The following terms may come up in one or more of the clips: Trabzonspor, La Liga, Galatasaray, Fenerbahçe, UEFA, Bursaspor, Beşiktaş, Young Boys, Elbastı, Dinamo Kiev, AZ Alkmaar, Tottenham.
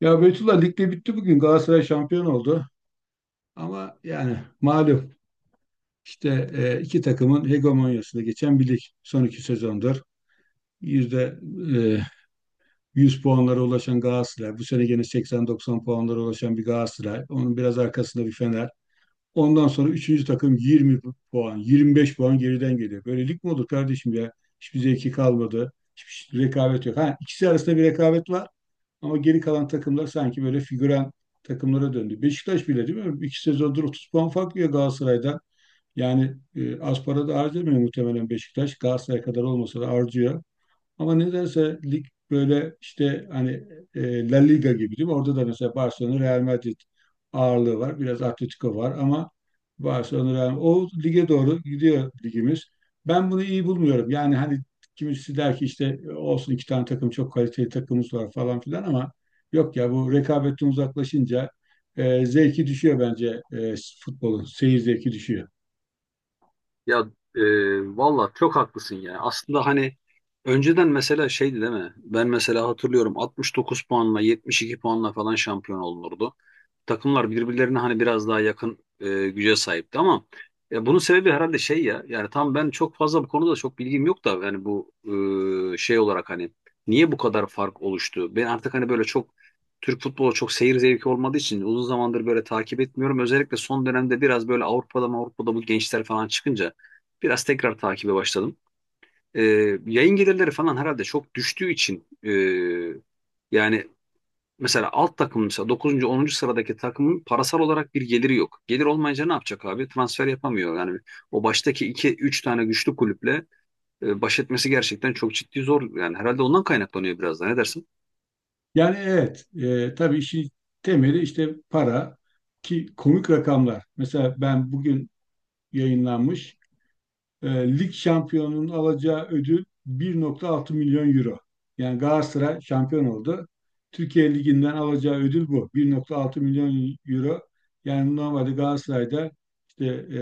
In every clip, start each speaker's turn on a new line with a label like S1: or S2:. S1: Ya Beytullah lig de bitti bugün. Galatasaray şampiyon oldu. Ama yani malum işte iki takımın hegemonyasında geçen bir lig son iki sezondur. Yüzde e, 100 puanlara ulaşan Galatasaray. Bu sene gene 80-90 puanlara ulaşan bir Galatasaray. Onun biraz arkasında bir Fener. Ondan sonra üçüncü takım 20 puan, 25 puan geriden geliyor. Böyle lig mi olur kardeşim ya? Hiçbir zevki kalmadı. Hiçbir rekabet yok. Ha, ikisi arasında bir rekabet var. Ama geri kalan takımlar sanki böyle figüren takımlara döndü. Beşiktaş bile değil mi? İki sezondur 30 puan fark ya Galatasaray'dan. Yani az para da harcamıyor muhtemelen Beşiktaş. Galatasaray kadar olmasa da harcıyor. Ama nedense lig böyle işte hani La Liga gibi değil mi? Orada da mesela Barcelona Real Madrid ağırlığı var. Biraz Atletico var ama Barcelona Real o lige doğru gidiyor ligimiz. Ben bunu iyi bulmuyorum. Yani hani kimisi der ki işte olsun iki tane takım çok kaliteli takımımız var falan filan ama yok ya bu rekabetten uzaklaşınca zevki düşüyor bence futbolun. Seyir zevki düşüyor.
S2: Ya e, Valla çok haklısın ya. Aslında hani önceden mesela şeydi, değil mi? Ben mesela hatırlıyorum 69 puanla 72 puanla falan şampiyon olunurdu, takımlar birbirlerine hani biraz daha yakın güce sahipti. Ama bunun sebebi herhalde şey ya, yani tam ben çok fazla bu konuda çok bilgim yok da, yani bu şey olarak hani niye bu kadar fark oluştu? Ben artık hani böyle çok Türk futbolu, çok seyir zevki olmadığı için uzun zamandır böyle takip etmiyorum. Özellikle son dönemde biraz böyle Avrupa'da bu gençler falan çıkınca biraz tekrar takibe başladım. E, Yayın gelirleri falan herhalde çok düştüğü için, yani mesela alt takım mesela dokuzuncu onuncu sıradaki takımın parasal olarak bir geliri yok. Gelir olmayınca ne yapacak abi? Transfer yapamıyor. Yani o baştaki 2 3 tane güçlü kulüple baş etmesi gerçekten çok ciddi zor. Yani herhalde ondan kaynaklanıyor biraz da. Ne dersin?
S1: Yani evet, tabii işin temeli işte para ki komik rakamlar. Mesela ben bugün yayınlanmış e, lig şampiyonunun alacağı ödül 1,6 milyon euro. Yani Galatasaray şampiyon oldu. Türkiye Ligi'nden alacağı ödül bu. 1,6 milyon euro. Yani normalde Galatasaray'da işte e,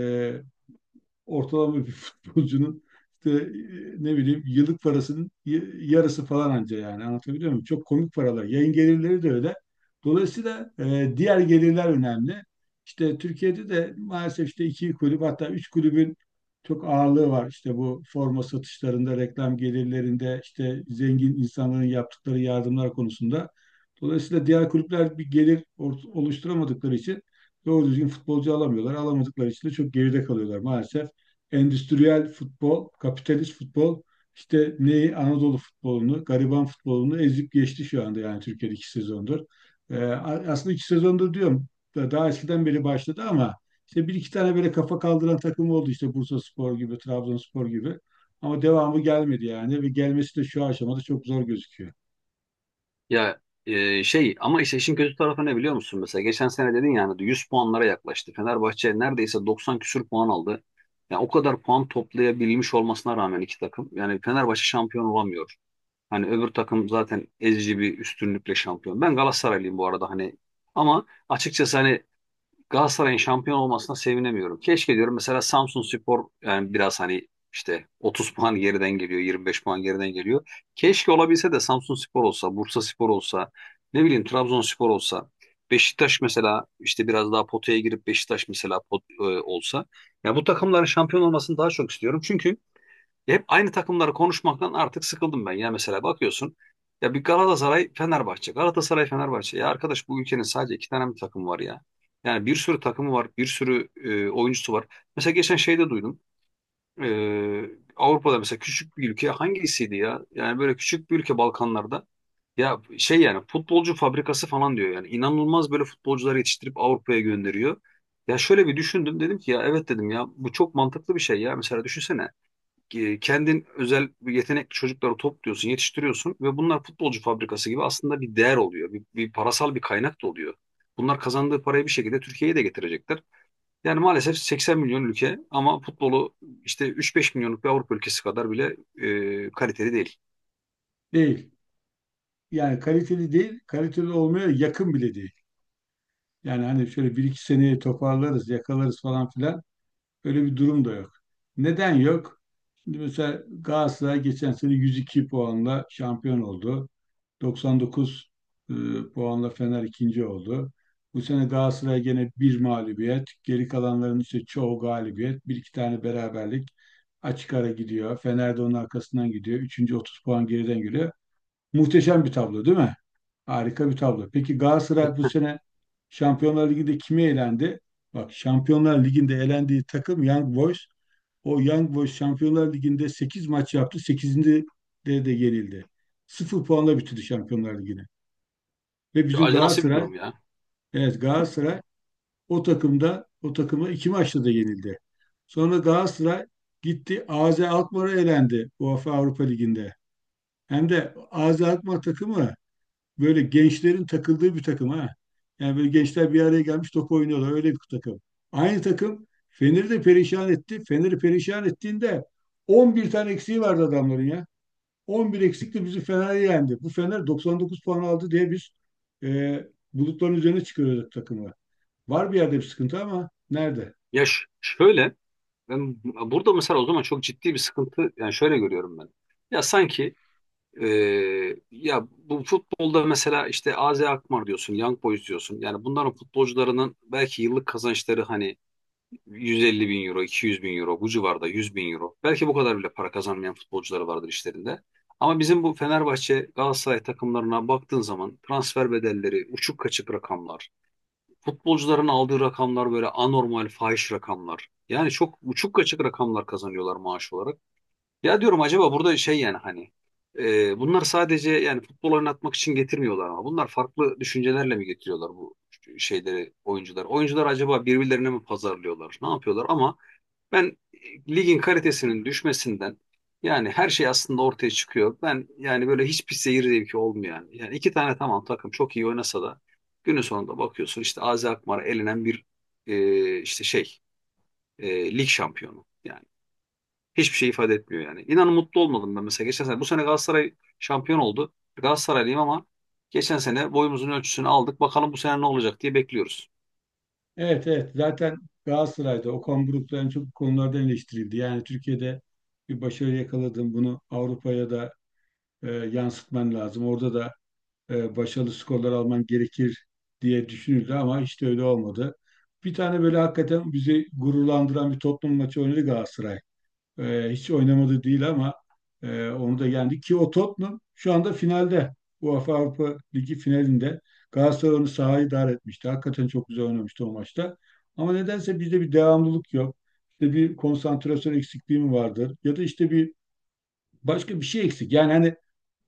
S1: ortalama bir futbolcunun işte ne bileyim yıllık parasının yarısı falan anca yani anlatabiliyor muyum? Çok komik paralar. Yayın gelirleri de öyle. Dolayısıyla diğer gelirler önemli. İşte Türkiye'de de maalesef işte iki kulüp hatta üç kulübün çok ağırlığı var. İşte bu forma satışlarında, reklam gelirlerinde, işte zengin insanların yaptıkları yardımlar konusunda. Dolayısıyla diğer kulüpler bir gelir oluşturamadıkları için doğru düzgün futbolcu alamıyorlar. Alamadıkları için de çok geride kalıyorlar maalesef endüstriyel futbol, kapitalist futbol işte neyi Anadolu futbolunu, gariban futbolunu ezip geçti şu anda yani Türkiye'de iki sezondur. Ee, Aslında iki sezondur diyorum. Daha eskiden beri başladı ama işte bir iki tane böyle kafa kaldıran takım oldu işte Bursaspor gibi, Trabzonspor gibi. Ama devamı gelmedi yani ve gelmesi de şu aşamada çok zor gözüküyor.
S2: Şey ama işte işin kötü tarafı ne biliyor musun? Mesela geçen sene dedin, yani 100 puanlara yaklaştı. Fenerbahçe neredeyse 90 küsür puan aldı. Yani o kadar puan toplayabilmiş olmasına rağmen iki takım, yani Fenerbahçe şampiyon olamıyor. Hani öbür takım zaten ezici bir üstünlükle şampiyon. Ben Galatasaraylıyım bu arada, hani ama açıkçası hani Galatasaray'ın şampiyon olmasına sevinemiyorum. Keşke diyorum mesela Samsunspor, yani biraz hani işte 30 puan geriden geliyor, 25 puan geriden geliyor. Keşke olabilse de Samsunspor olsa, Bursaspor olsa, ne bileyim Trabzonspor olsa, Beşiktaş mesela işte biraz daha potaya girip Beşiktaş mesela olsa. Ya bu takımların şampiyon olmasını daha çok istiyorum. Çünkü hep aynı takımları konuşmaktan artık sıkıldım ben. Ya mesela bakıyorsun ya bir Galatasaray Fenerbahçe. Galatasaray Fenerbahçe. Ya arkadaş, bu ülkenin sadece iki tane mi takımı var ya? Yani bir sürü takımı var. Bir sürü oyuncusu var. Mesela geçen şeyde duydum. E, Avrupa'da mesela küçük bir ülke hangisiydi ya? Yani böyle küçük bir ülke Balkanlarda. Ya şey, yani futbolcu fabrikası falan diyor, yani inanılmaz böyle futbolcuları yetiştirip Avrupa'ya gönderiyor. Ya şöyle bir düşündüm, dedim ki ya evet, dedim ya bu çok mantıklı bir şey ya. Mesela düşünsene, kendin özel bir yetenekli çocukları topluyorsun, yetiştiriyorsun ve bunlar futbolcu fabrikası gibi aslında bir değer oluyor. Bir parasal bir kaynak da oluyor. Bunlar kazandığı parayı bir şekilde Türkiye'ye de getirecekler. Yani maalesef 80 milyon ülke ama futbolu işte 3-5 milyonluk bir Avrupa ülkesi kadar bile kaliteli değil.
S1: Değil. Yani kaliteli değil, kaliteli olmaya yakın bile değil. Yani hani şöyle bir iki seneyi toparlarız, yakalarız falan filan. Öyle bir durum da yok. Neden yok? Şimdi mesela Galatasaray geçen sene 102 puanla şampiyon oldu. 99 e, puanla Fener ikinci oldu. Bu sene Galatasaray gene bir mağlubiyet. Geri kalanların işte çoğu galibiyet. Bir iki tane beraberlik. Açık ara gidiyor. Fener de onun arkasından gidiyor. Üçüncü 30 puan geriden giriyor. Muhteşem bir tablo değil mi? Harika bir tablo. Peki Galatasaray bu sene Şampiyonlar Ligi'nde kime elendi? Bak Şampiyonlar Ligi'nde elendiği takım Young Boys, o Young Boys Şampiyonlar Ligi'nde 8 maç yaptı. Sekizinde de yenildi. Sıfır puanla bitirdi Şampiyonlar Ligi'ni. Ve
S2: Ya
S1: bizim
S2: acı nasıl bir
S1: Galatasaray,
S2: durum ya?
S1: evet Galatasaray o takımda o takıma iki maçta da yenildi. Sonra Galatasaray gitti AZ Alkmaar'a elendi UEFA Avrupa Ligi'nde. Hem de AZ Alkmaar takımı böyle gençlerin takıldığı bir takım ha. Yani böyle gençler bir araya gelmiş top oynuyorlar öyle bir takım. Aynı takım Fener'i de perişan etti. Fener'i perişan ettiğinde 11 tane eksiği vardı adamların ya. 11 eksikle bizi Fener'i yendi. Bu Fener 99 puan aldı diye biz e, bulutların üzerine çıkıyoruz takımla. Var bir yerde bir sıkıntı ama nerede?
S2: Şöyle, ben burada mesela o zaman çok ciddi bir sıkıntı, yani şöyle görüyorum ben. Ya sanki ya bu futbolda mesela işte AZ Alkmaar diyorsun, Young Boys diyorsun. Yani bunların futbolcularının belki yıllık kazançları hani 150 bin euro, 200 bin euro, bu civarda 100 bin euro. Belki bu kadar bile para kazanmayan futbolcuları vardır işlerinde. Ama bizim bu Fenerbahçe, Galatasaray takımlarına baktığın zaman transfer bedelleri, uçuk kaçık rakamlar, futbolcuların aldığı rakamlar böyle anormal, fahiş rakamlar. Yani çok uçuk kaçık rakamlar kazanıyorlar maaş olarak. Ya diyorum acaba burada şey, yani hani bunlar sadece yani futbol oynatmak için getirmiyorlar ama bunlar farklı düşüncelerle mi getiriyorlar bu şeyleri, oyuncular? Oyuncular acaba birbirlerine mi pazarlıyorlar? Ne yapıyorlar? Ama ben ligin kalitesinin düşmesinden, yani her şey aslında ortaya çıkıyor. Ben yani böyle hiçbir seyir zevki olmayan, yani iki tane tamam takım çok iyi oynasa da günün sonunda bakıyorsun işte Azi Akmar elenen bir e, işte şey lig şampiyonu. Yani hiçbir şey ifade etmiyor yani. İnan mutlu olmadım ben mesela. Geçen sene, bu sene Galatasaray şampiyon oldu. Galatasaraylıyım ama geçen sene boyumuzun ölçüsünü aldık. Bakalım bu sene ne olacak diye bekliyoruz.
S1: Evet evet zaten Galatasaray'da Okan Buruk'ta en çok bu konulardan eleştirildi. Yani Türkiye'de bir başarı yakaladın bunu Avrupa'ya da yansıtman lazım. Orada da başarılı skorlar alman gerekir diye düşünüldü ama hiç de öyle olmadı. Bir tane böyle hakikaten bizi gururlandıran bir Tottenham maçı oynadı Galatasaray. Hiç oynamadı değil ama onu da yendi ki o Tottenham şu anda finalde. UEFA Avrupa Ligi finalinde Galatasaray onu sahaya idare etmişti. Hakikaten çok güzel oynamıştı o maçta. Ama nedense bizde bir devamlılık yok. İşte bir konsantrasyon eksikliği mi vardır? Ya da işte bir başka bir şey eksik. Yani hani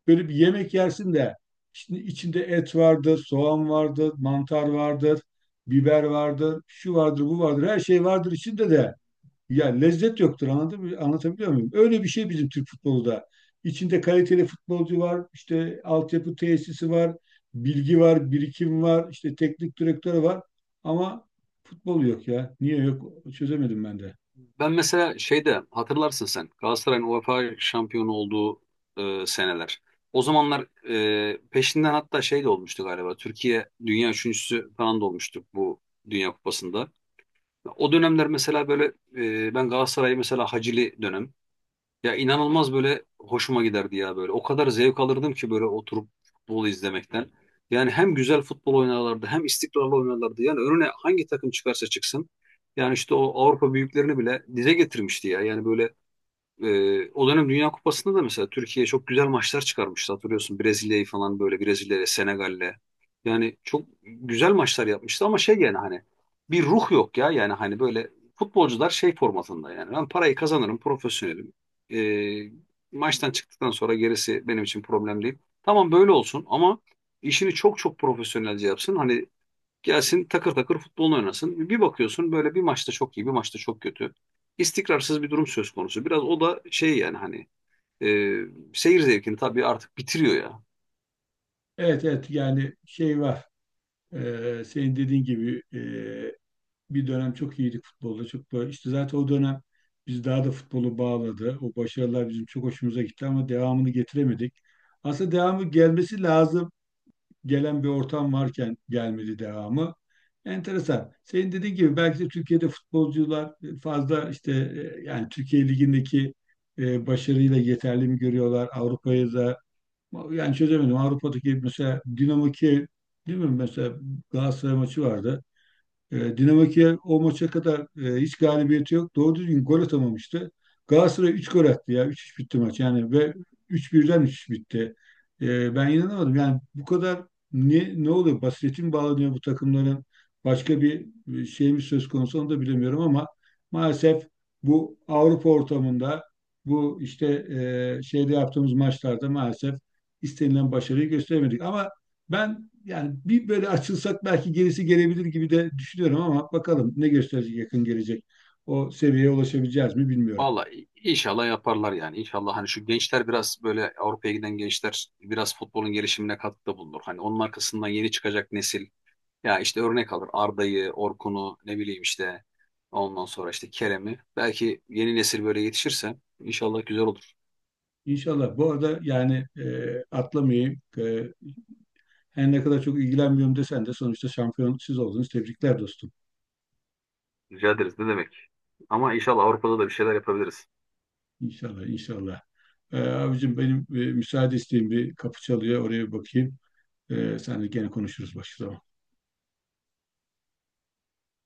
S1: böyle bir yemek yersin de şimdi içinde et vardır, soğan vardır, mantar vardır, biber vardır, şu vardır, bu vardır. Her şey vardır içinde de ya lezzet yoktur. Anladın mı? Anlatabiliyor muyum? Öyle bir şey bizim Türk futbolu da. İçinde kaliteli futbolcu var, işte altyapı tesisi var, bilgi var, birikim var, işte teknik direktörü var. Ama futbol yok ya. Niye yok? Çözemedim ben de.
S2: Ben mesela şeyde hatırlarsın, sen Galatasaray'ın UEFA şampiyonu olduğu seneler. O zamanlar peşinden hatta şey de olmuştu galiba. Türkiye dünya üçüncüsü falan da olmuştuk bu Dünya Kupası'nda. O dönemler mesela böyle ben Galatasaray'ı mesela Hacili dönem, ya inanılmaz böyle hoşuma giderdi ya böyle. O kadar zevk alırdım ki böyle oturup futbol izlemekten. Yani hem güzel futbol oynarlardı, hem istikrarlı oynarlardı. Yani önüne hangi takım çıkarsa çıksın. Yani işte o Avrupa büyüklerini bile dize getirmişti ya. Yani böyle o dönem Dünya Kupası'nda da mesela Türkiye çok güzel maçlar çıkarmıştı. Hatırlıyorsun, Brezilya'yı falan, böyle Brezilya'ya, Senegal'le. Yani çok güzel maçlar yapmıştı ama şey, yani hani bir ruh yok ya. Yani hani böyle futbolcular şey formatında, yani ben parayı kazanırım, profesyonelim. Ee, Maçtan çıktıktan sonra gerisi benim için problem değil. Tamam böyle olsun ama işini çok çok profesyonelce yapsın. Hani gelsin takır takır futbolunu oynasın. Bir bakıyorsun böyle bir maçta çok iyi, bir maçta çok kötü. İstikrarsız bir durum söz konusu. Biraz o da şey, yani hani e, seyir zevkini tabii artık bitiriyor ya.
S1: Evet evet yani şey var. Senin dediğin gibi bir dönem çok iyiydik futbolda. Çok böyle işte zaten o dönem biz daha da futbolu bağladı. O başarılar bizim çok hoşumuza gitti ama devamını getiremedik. Aslında devamı gelmesi lazım. Gelen bir ortam varken gelmedi devamı. Enteresan. Senin dediğin gibi belki de Türkiye'de futbolcular fazla işte yani Türkiye Ligi'ndeki başarıyla yeterli mi görüyorlar? Avrupa'ya da yani çözemedim. Avrupa'daki mesela Dinamo Kiev değil mi? Mesela Galatasaray maçı vardı. Dinamo Kiev o maça kadar hiç galibiyeti yok. Doğru düzgün gol atamamıştı. Galatasaray üç gol attı ya. Üç 3 bitti maç yani ve 3-1'den üç üç bitti. Ben inanamadım. Yani bu kadar ne oluyor? Basireti mi bağlanıyor bu takımların? Başka bir şey mi söz konusu onu da bilemiyorum ama maalesef bu Avrupa ortamında bu işte şeyde yaptığımız maçlarda maalesef istenilen başarıyı gösteremedik. Ama ben yani bir böyle açılsak belki gerisi gelebilir gibi de düşünüyorum ama bakalım ne gösterecek yakın gelecek. O seviyeye ulaşabileceğiz mi bilmiyorum.
S2: Vallahi inşallah yaparlar yani. İnşallah hani şu gençler, biraz böyle Avrupa'ya giden gençler biraz futbolun gelişimine katkıda bulunur. Hani onun arkasından yeni çıkacak nesil ya işte örnek alır Arda'yı, Orkun'u, ne bileyim işte ondan sonra işte Kerem'i. Belki yeni nesil böyle yetişirse inşallah güzel olur.
S1: İnşallah. Bu arada yani atlamayayım. Her ne kadar çok ilgilenmiyorum desen de sonuçta şampiyon siz oldunuz. Tebrikler dostum.
S2: Rica ederiz, ne demek. Ama inşallah Avrupa'da da bir şeyler yapabiliriz.
S1: İnşallah, inşallah. Abicim benim müsaade isteyeyim bir kapı çalıyor. Oraya bir bakayım. Sen de gene konuşuruz başka zaman.